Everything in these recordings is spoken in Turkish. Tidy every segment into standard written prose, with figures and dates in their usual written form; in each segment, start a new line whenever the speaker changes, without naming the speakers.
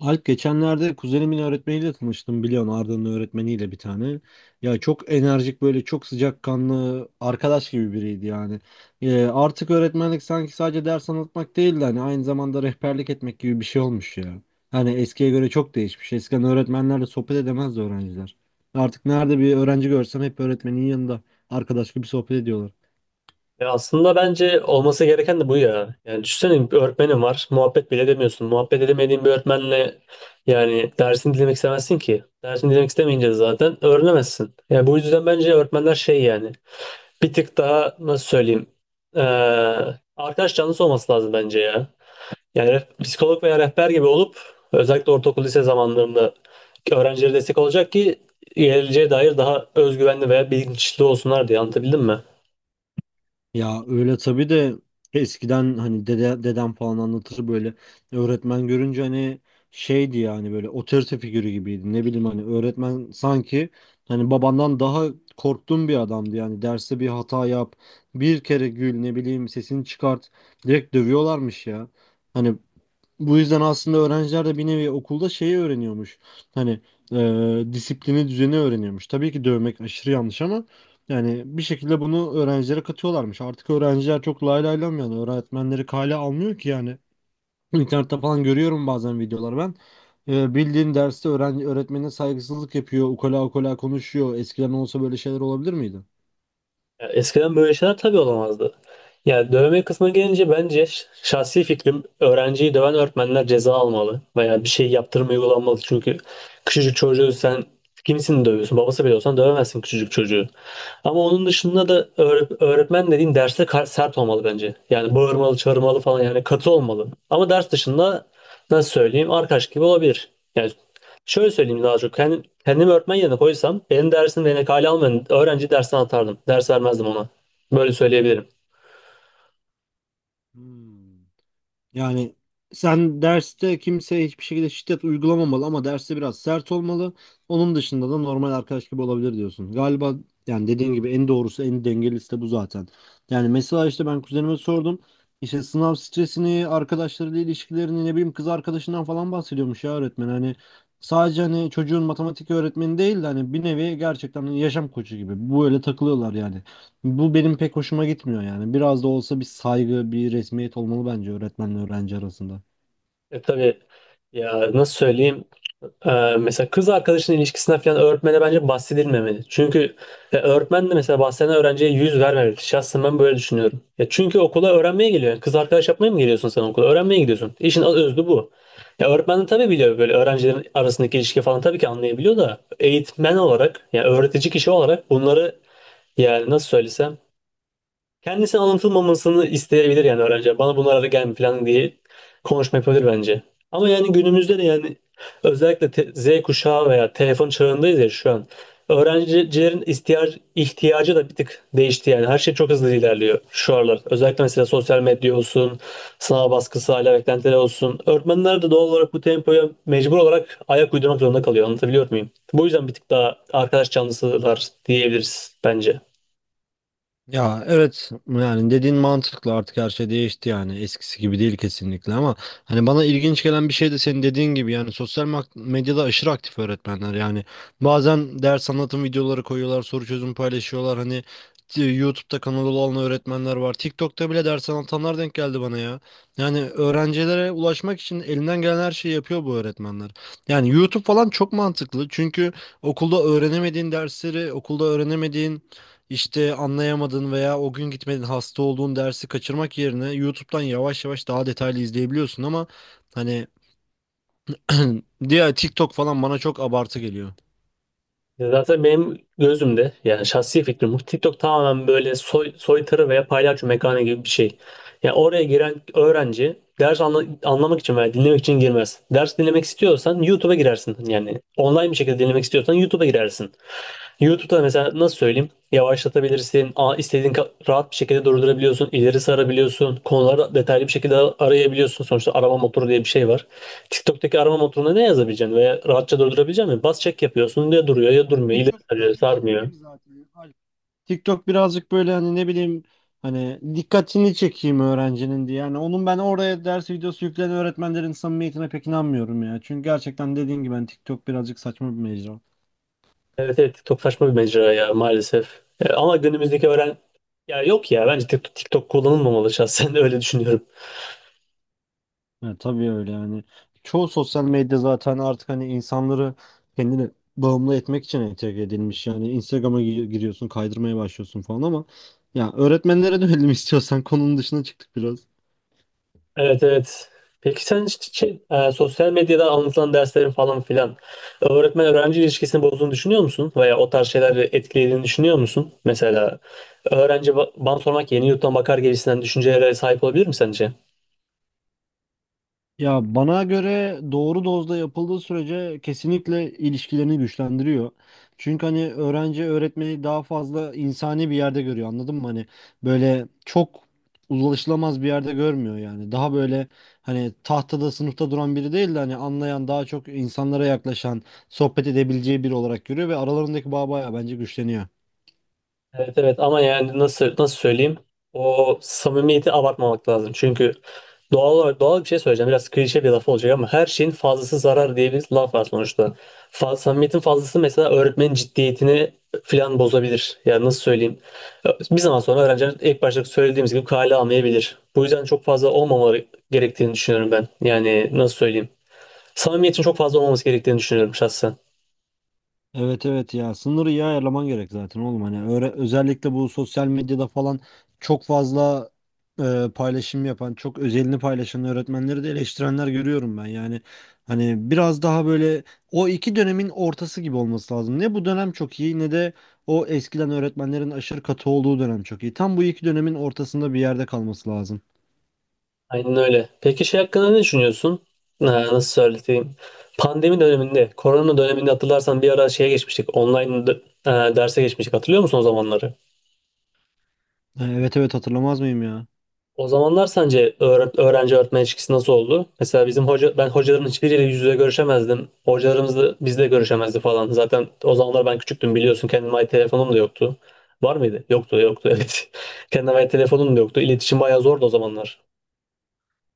Alp, geçenlerde kuzenimin öğretmeniyle tanıştım, biliyorsun, Arda'nın öğretmeniyle bir tane. Ya çok enerjik, böyle çok sıcakkanlı, arkadaş gibi biriydi yani. Artık öğretmenlik sanki sadece ders anlatmak değil de hani aynı zamanda rehberlik etmek gibi bir şey olmuş ya. Hani eskiye göre çok değişmiş. Eskiden öğretmenlerle sohbet edemezdi öğrenciler. Artık nerede bir öğrenci görsem hep öğretmenin yanında arkadaş gibi sohbet ediyorlar.
Ya aslında bence olması gereken de bu ya. Yani düşünsene bir öğretmenin var. Muhabbet bile edemiyorsun. Muhabbet edemediğin bir öğretmenle yani dersini dinlemek istemezsin ki. Dersini dinlemek istemeyince de zaten öğrenemezsin. Yani bu yüzden bence öğretmenler şey yani bir tık daha nasıl söyleyeyim ee, arkadaş canlısı olması lazım bence ya. Yani psikolog veya rehber gibi olup özellikle ortaokul lise zamanlarında öğrencilere destek olacak ki geleceğe dair daha özgüvenli veya bilinçli olsunlar diye anlatabildim mi?
Ya öyle tabii de eskiden hani dede, dedem falan anlatır böyle, öğretmen görünce hani şeydi yani, böyle otorite figürü gibiydi, ne bileyim, hani öğretmen sanki hani babandan daha korktuğum bir adamdı yani. Derste bir hata yap, bir kere gül, ne bileyim, sesini çıkart, direkt dövüyorlarmış ya. Hani bu yüzden aslında öğrenciler de bir nevi okulda şeyi öğreniyormuş. Hani disiplini, düzeni öğreniyormuş. Tabii ki dövmek aşırı yanlış ama yani bir şekilde bunu öğrencilere katıyorlarmış. Artık öğrenciler çok lay lay lam, yani öğretmenleri kale almıyor ki yani. İnternette falan görüyorum bazen videolar ben. Bildiğin derste öğrenci öğretmenine saygısızlık yapıyor, ukala ukala konuşuyor. Eskiden olsa böyle şeyler olabilir miydi?
Ya eskiden böyle şeyler tabii olamazdı. Yani dövme kısmına gelince bence şahsi fikrim öğrenciyi döven öğretmenler ceza almalı veya bir şey yaptırım uygulanmalı. Çünkü küçücük çocuğu sen kimsin dövüyorsun? Babası bile olsan dövemezsin küçücük çocuğu. Ama onun dışında da öğretmen dediğin derste sert olmalı bence. Yani bağırmalı, çağırmalı falan yani katı olmalı. Ama ders dışında nasıl söyleyeyim arkadaş gibi olabilir. Yani şöyle söyleyeyim daha çok. Kendim, kendimi öğretmen yerine koysam benim dersim ve kale almayan öğrenci dersten atardım. Ders vermezdim ona. Böyle söyleyebilirim.
Hmm. Yani sen derste kimseye hiçbir şekilde şiddet uygulamamalı ama derste biraz sert olmalı. Onun dışında da normal arkadaş gibi olabilir diyorsun. Galiba yani dediğin gibi en doğrusu, en dengelisi de bu zaten. Yani mesela işte ben kuzenime sordum. İşte sınav stresini, arkadaşlarıyla ilişkilerini, ne bileyim, kız arkadaşından falan bahsediyormuş ya öğretmen. Hani sadece hani çocuğun matematik öğretmeni değil de hani bir nevi gerçekten yaşam koçu gibi. Bu öyle takılıyorlar yani. Bu benim pek hoşuma gitmiyor yani. Biraz da olsa bir saygı, bir resmiyet olmalı bence öğretmenle öğrenci arasında.
Tabii ya nasıl söyleyeyim? E, mesela kız arkadaşının ilişkisine falan öğretmene bence bahsedilmemeli. Çünkü öğretmen de mesela bahseden öğrenciye yüz vermemeli. Şahsen ben böyle düşünüyorum. Ya çünkü okula öğrenmeye geliyor. Yani kız arkadaş yapmaya mı geliyorsun sen okula? Öğrenmeye gidiyorsun. İşin özü bu. Ya öğretmen de tabii biliyor böyle öğrencilerin arasındaki ilişki falan tabii ki anlayabiliyor da eğitmen olarak yani öğretici kişi olarak bunları yani nasıl söylesem kendisi anlatılmamasını isteyebilir yani öğrenci. Bana bunlara da gelme falan diye konuşma yapabilir bence. Ama yani günümüzde de yani özellikle Z kuşağı veya telefon çağındayız ya şu an. Öğrencilerin ihtiyacı da bir tık değişti yani. Her şey çok hızlı ilerliyor şu aralar. Özellikle mesela sosyal medya olsun, sınav baskısı, aile beklentileri olsun. Öğretmenler de doğal olarak bu tempoya mecbur olarak ayak uydurmak zorunda kalıyor. Anlatabiliyor muyum? Bu yüzden bir tık daha arkadaş canlısılar diyebiliriz bence.
Ya evet, yani dediğin mantıklı, artık her şey değişti, yani eskisi gibi değil kesinlikle. Ama hani bana ilginç gelen bir şey de senin dediğin gibi, yani sosyal medyada aşırı aktif öğretmenler yani. Bazen ders anlatım videoları koyuyorlar, soru çözüm paylaşıyorlar. Hani YouTube'da kanalı olan öğretmenler var, TikTok'ta bile ders anlatanlar denk geldi bana ya. Yani öğrencilere ulaşmak için elinden gelen her şeyi yapıyor bu öğretmenler. Yani YouTube falan çok mantıklı çünkü okulda öğrenemediğin dersleri, okulda öğrenemediğin, işte anlayamadın veya o gün gitmedin, hasta olduğun dersi kaçırmak yerine YouTube'dan yavaş yavaş daha detaylı izleyebiliyorsun. Ama hani diğer, TikTok falan bana çok abartı geliyor.
Ya zaten benim gözümde yani şahsi fikrim bu. TikTok tamamen böyle soytarı veya paylaşım mekanı gibi bir şey. Yani oraya giren öğrenci ders anlamak için veya dinlemek için girmez. Ders dinlemek istiyorsan YouTube'a girersin. Yani online bir şekilde dinlemek istiyorsan YouTube'a girersin. YouTube'da mesela nasıl söyleyeyim? Yavaşlatabilirsin, istediğin rahat bir şekilde durdurabiliyorsun, ileri sarabiliyorsun, konuları detaylı bir şekilde arayabiliyorsun. Sonuçta arama motoru diye bir şey var. TikTok'taki arama motoruna ne yazabileceksin veya rahatça durdurabileceksin mi? Bas çek yapıyorsun ya duruyor ya durmuyor, ileri
TikTok
sarıyor,
birazcık şey
sarmıyor.
gibi zaten, Alp. TikTok birazcık böyle, hani ne bileyim, hani dikkatini çekeyim öğrencinin diye. Yani onun, ben oraya ders videosu yükleyen öğretmenlerin samimiyetine pek inanmıyorum ya. Çünkü gerçekten dediğim gibi, ben TikTok birazcık saçma bir mecra.
Evet evet, TikTok saçma bir mecra ya maalesef. Ama günümüzdeki öğren... Ya yok ya, bence TikTok kullanılmamalı şahsen öyle düşünüyorum.
Ya tabii öyle yani. Çoğu sosyal medya zaten artık hani insanları kendine bağımlı etmek için entegre edilmiş. Yani Instagram'a giriyorsun, kaydırmaya başlıyorsun falan. Ama ya, öğretmenlere dönelim istiyorsan, konunun dışına çıktık biraz.
Evet evet. Peki sen hiç şey, sosyal medyada anlatılan derslerin falan filan öğretmen öğrenci ilişkisini bozduğunu düşünüyor musun? Veya o tarz şeyleri etkilediğini düşünüyor musun? Mesela öğrenci bana sormak yeni yurttan bakar gibisinden düşüncelere sahip olabilir mi sence?
Ya bana göre doğru dozda yapıldığı sürece kesinlikle ilişkilerini güçlendiriyor. Çünkü hani öğrenci öğretmeni daha fazla insani bir yerde görüyor, anladın mı? Hani böyle çok ulaşılamaz bir yerde görmüyor yani. Daha böyle hani tahtada, sınıfta duran biri değil de hani anlayan, daha çok insanlara yaklaşan, sohbet edebileceği biri olarak görüyor ve aralarındaki bağ bayağı bence güçleniyor.
Evet evet, ama yani nasıl söyleyeyim? O samimiyeti abartmamak lazım. Çünkü doğal olarak doğal bir şey söyleyeceğim. Biraz klişe bir laf olacak ama her şeyin fazlası zarar diye bir laf var sonuçta. Samimiyetin fazlası mesela öğretmenin ciddiyetini filan bozabilir. Yani nasıl söyleyeyim? Bir zaman sonra öğrenciler ilk başta söylediğimiz gibi kale almayabilir. Bu yüzden çok fazla olmamaları gerektiğini düşünüyorum ben. Yani nasıl söyleyeyim? Samimiyetin çok fazla olmaması gerektiğini düşünüyorum şahsen.
Evet, evet, ya sınırı iyi ayarlaman gerek zaten oğlum, hani öyle. Özellikle bu sosyal medyada falan çok fazla paylaşım yapan, çok özelini paylaşan öğretmenleri de eleştirenler görüyorum ben. Yani hani biraz daha böyle o iki dönemin ortası gibi olması lazım. Ne bu dönem çok iyi ne de o eskiden öğretmenlerin aşırı katı olduğu dönem çok iyi. Tam bu iki dönemin ortasında bir yerde kalması lazım.
Aynen öyle. Peki şey hakkında ne düşünüyorsun? Ha, nasıl söyleyeyim? Pandemi döneminde, korona döneminde hatırlarsan bir ara şeye geçmiştik. Online derse geçmiştik. Hatırlıyor musun o zamanları?
Evet, evet, hatırlamaz mıyım ya.
O zamanlar sence öğrenci öğretmen ilişkisi nasıl oldu? Mesela bizim hoca ben hocaların hiçbiriyle yüz yüze görüşemezdim. Hocalarımız da bizle görüşemezdi falan. Zaten o zamanlar ben küçüktüm biliyorsun. Kendime ait telefonum da yoktu. Var mıydı? Yoktu, yoktu evet. Kendime ait telefonum da yoktu. İletişim bayağı zordu o zamanlar.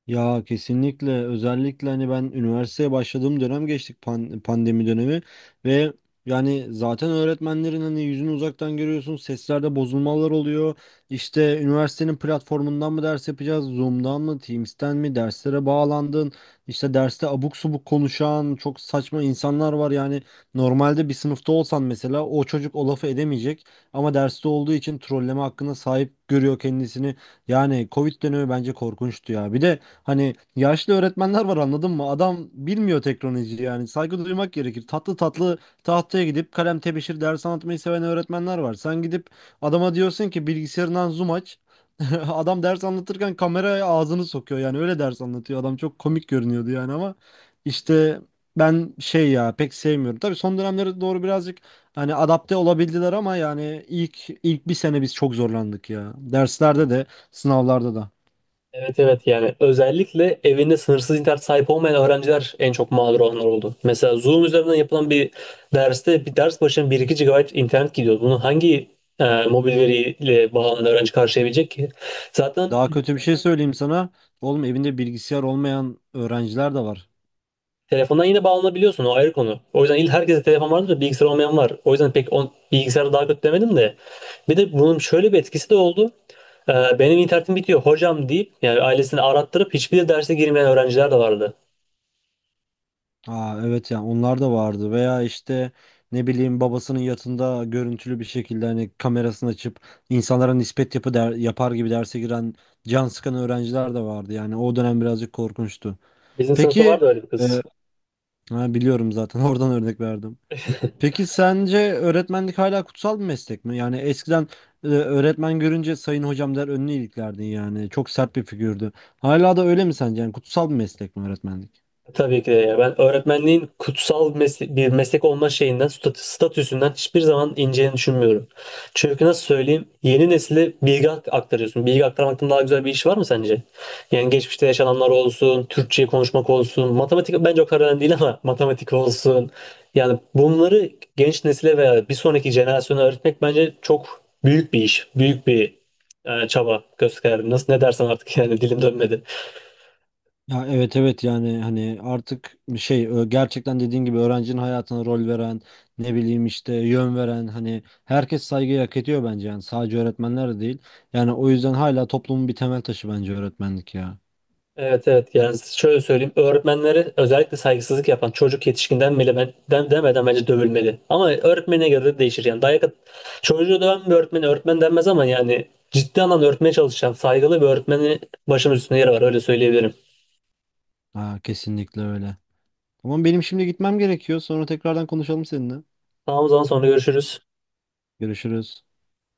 Ya kesinlikle, özellikle hani ben üniversiteye başladığım dönem geçtik pandemi dönemi. Ve yani zaten öğretmenlerin hani yüzünü uzaktan görüyorsun, seslerde bozulmalar oluyor, işte üniversitenin platformundan mı ders yapacağız, Zoom'dan mı, Teams'ten mi derslere bağlandın, işte derste abuk subuk konuşan çok saçma insanlar var yani. Normalde bir sınıfta olsan mesela o çocuk o lafı edemeyecek ama derste olduğu için trolleme hakkına sahip görüyor kendisini. Yani Covid dönemi bence korkunçtu ya. Bir de hani yaşlı öğretmenler var, anladın mı? Adam bilmiyor teknolojiyi yani. Saygı duymak gerekir. Tatlı tatlı tahtaya gidip kalem, tebeşir ders anlatmayı seven öğretmenler var. Sen gidip adama diyorsun ki bilgisayarından Zoom aç. Adam ders anlatırken kameraya ağzını sokuyor, yani öyle ders anlatıyor. Adam çok komik görünüyordu yani. Ama işte ben şey, ya pek sevmiyorum. Tabii son dönemlere doğru birazcık hani adapte olabildiler ama yani ilk bir sene biz çok zorlandık ya. Derslerde de sınavlarda da.
Evet evet, yani özellikle evinde sınırsız internet sahip olmayan öğrenciler en çok mağdur olanlar oldu. Mesela Zoom üzerinden yapılan bir derste bir ders başına bir iki gigabayt internet gidiyor. Bunu hangi mobil veriyle bağlanan öğrenci karşılayabilecek ki? Zaten
Daha kötü bir şey söyleyeyim sana. Oğlum, evinde bilgisayar olmayan öğrenciler de var.
telefondan yine bağlanabiliyorsun, o ayrı konu. O yüzden il herkese telefon vardır da bilgisayar olmayan var. O yüzden pek bilgisayarı daha kötü demedim de. Bir de bunun şöyle bir etkisi de oldu. E, benim internetim bitiyor hocam deyip yani ailesini arattırıp hiçbir derse girmeyen öğrenciler de vardı.
Aa evet, yani onlar da vardı. Veya işte, ne bileyim, babasının yatında görüntülü bir şekilde hani kamerasını açıp insanlara nispet yapar gibi derse giren, can sıkan öğrenciler de vardı. Yani o dönem birazcık korkunçtu.
Bizim sınıfta
Peki
vardı öyle bir
e,
kız.
ha, biliyorum zaten, oradan örnek verdim. Peki sence öğretmenlik hala kutsal bir meslek mi? Yani eskiden öğretmen görünce sayın hocam der, önünü iliklerdin yani. Çok sert bir figürdü. Hala da öyle mi sence? Yani kutsal bir meslek mi öğretmenlik?
Tabii ki de ya. Ben öğretmenliğin kutsal bir meslek olma şeyinden, statüsünden hiçbir zaman ineceğini düşünmüyorum. Çünkü nasıl söyleyeyim, yeni nesile bilgi aktarıyorsun. Bilgi aktarmaktan daha güzel bir iş var mı sence? Yani geçmişte yaşananlar olsun, Türkçe konuşmak olsun, matematik bence o kadar önemli değil ama matematik olsun. Yani bunları genç nesile veya bir sonraki jenerasyona öğretmek bence çok büyük bir iş, büyük bir çaba gösterdim. Nasıl ne dersen artık yani dilim dönmedi.
Ya evet, evet, yani hani artık şey, gerçekten dediğin gibi öğrencinin hayatına rol veren, ne bileyim işte yön veren, hani herkes saygıyı hak ediyor bence, yani sadece öğretmenler de değil. Yani o yüzden hala toplumun bir temel taşı bence öğretmenlik ya.
Evet evet, yani şöyle söyleyeyim öğretmenlere özellikle saygısızlık yapan çocuk yetişkinden bile demeden bence dövülmeli. Ama öğretmene göre de değişir yani çocuğu döven bir öğretmeni öğretmen denmez ama yani ciddi anlamda öğretmeye çalışan saygılı bir öğretmenin başımız üstünde yeri var, öyle söyleyebilirim.
Ha, kesinlikle öyle. Ama benim şimdi gitmem gerekiyor. Sonra tekrardan konuşalım seninle.
Tamam, o zaman sonra görüşürüz.
Görüşürüz.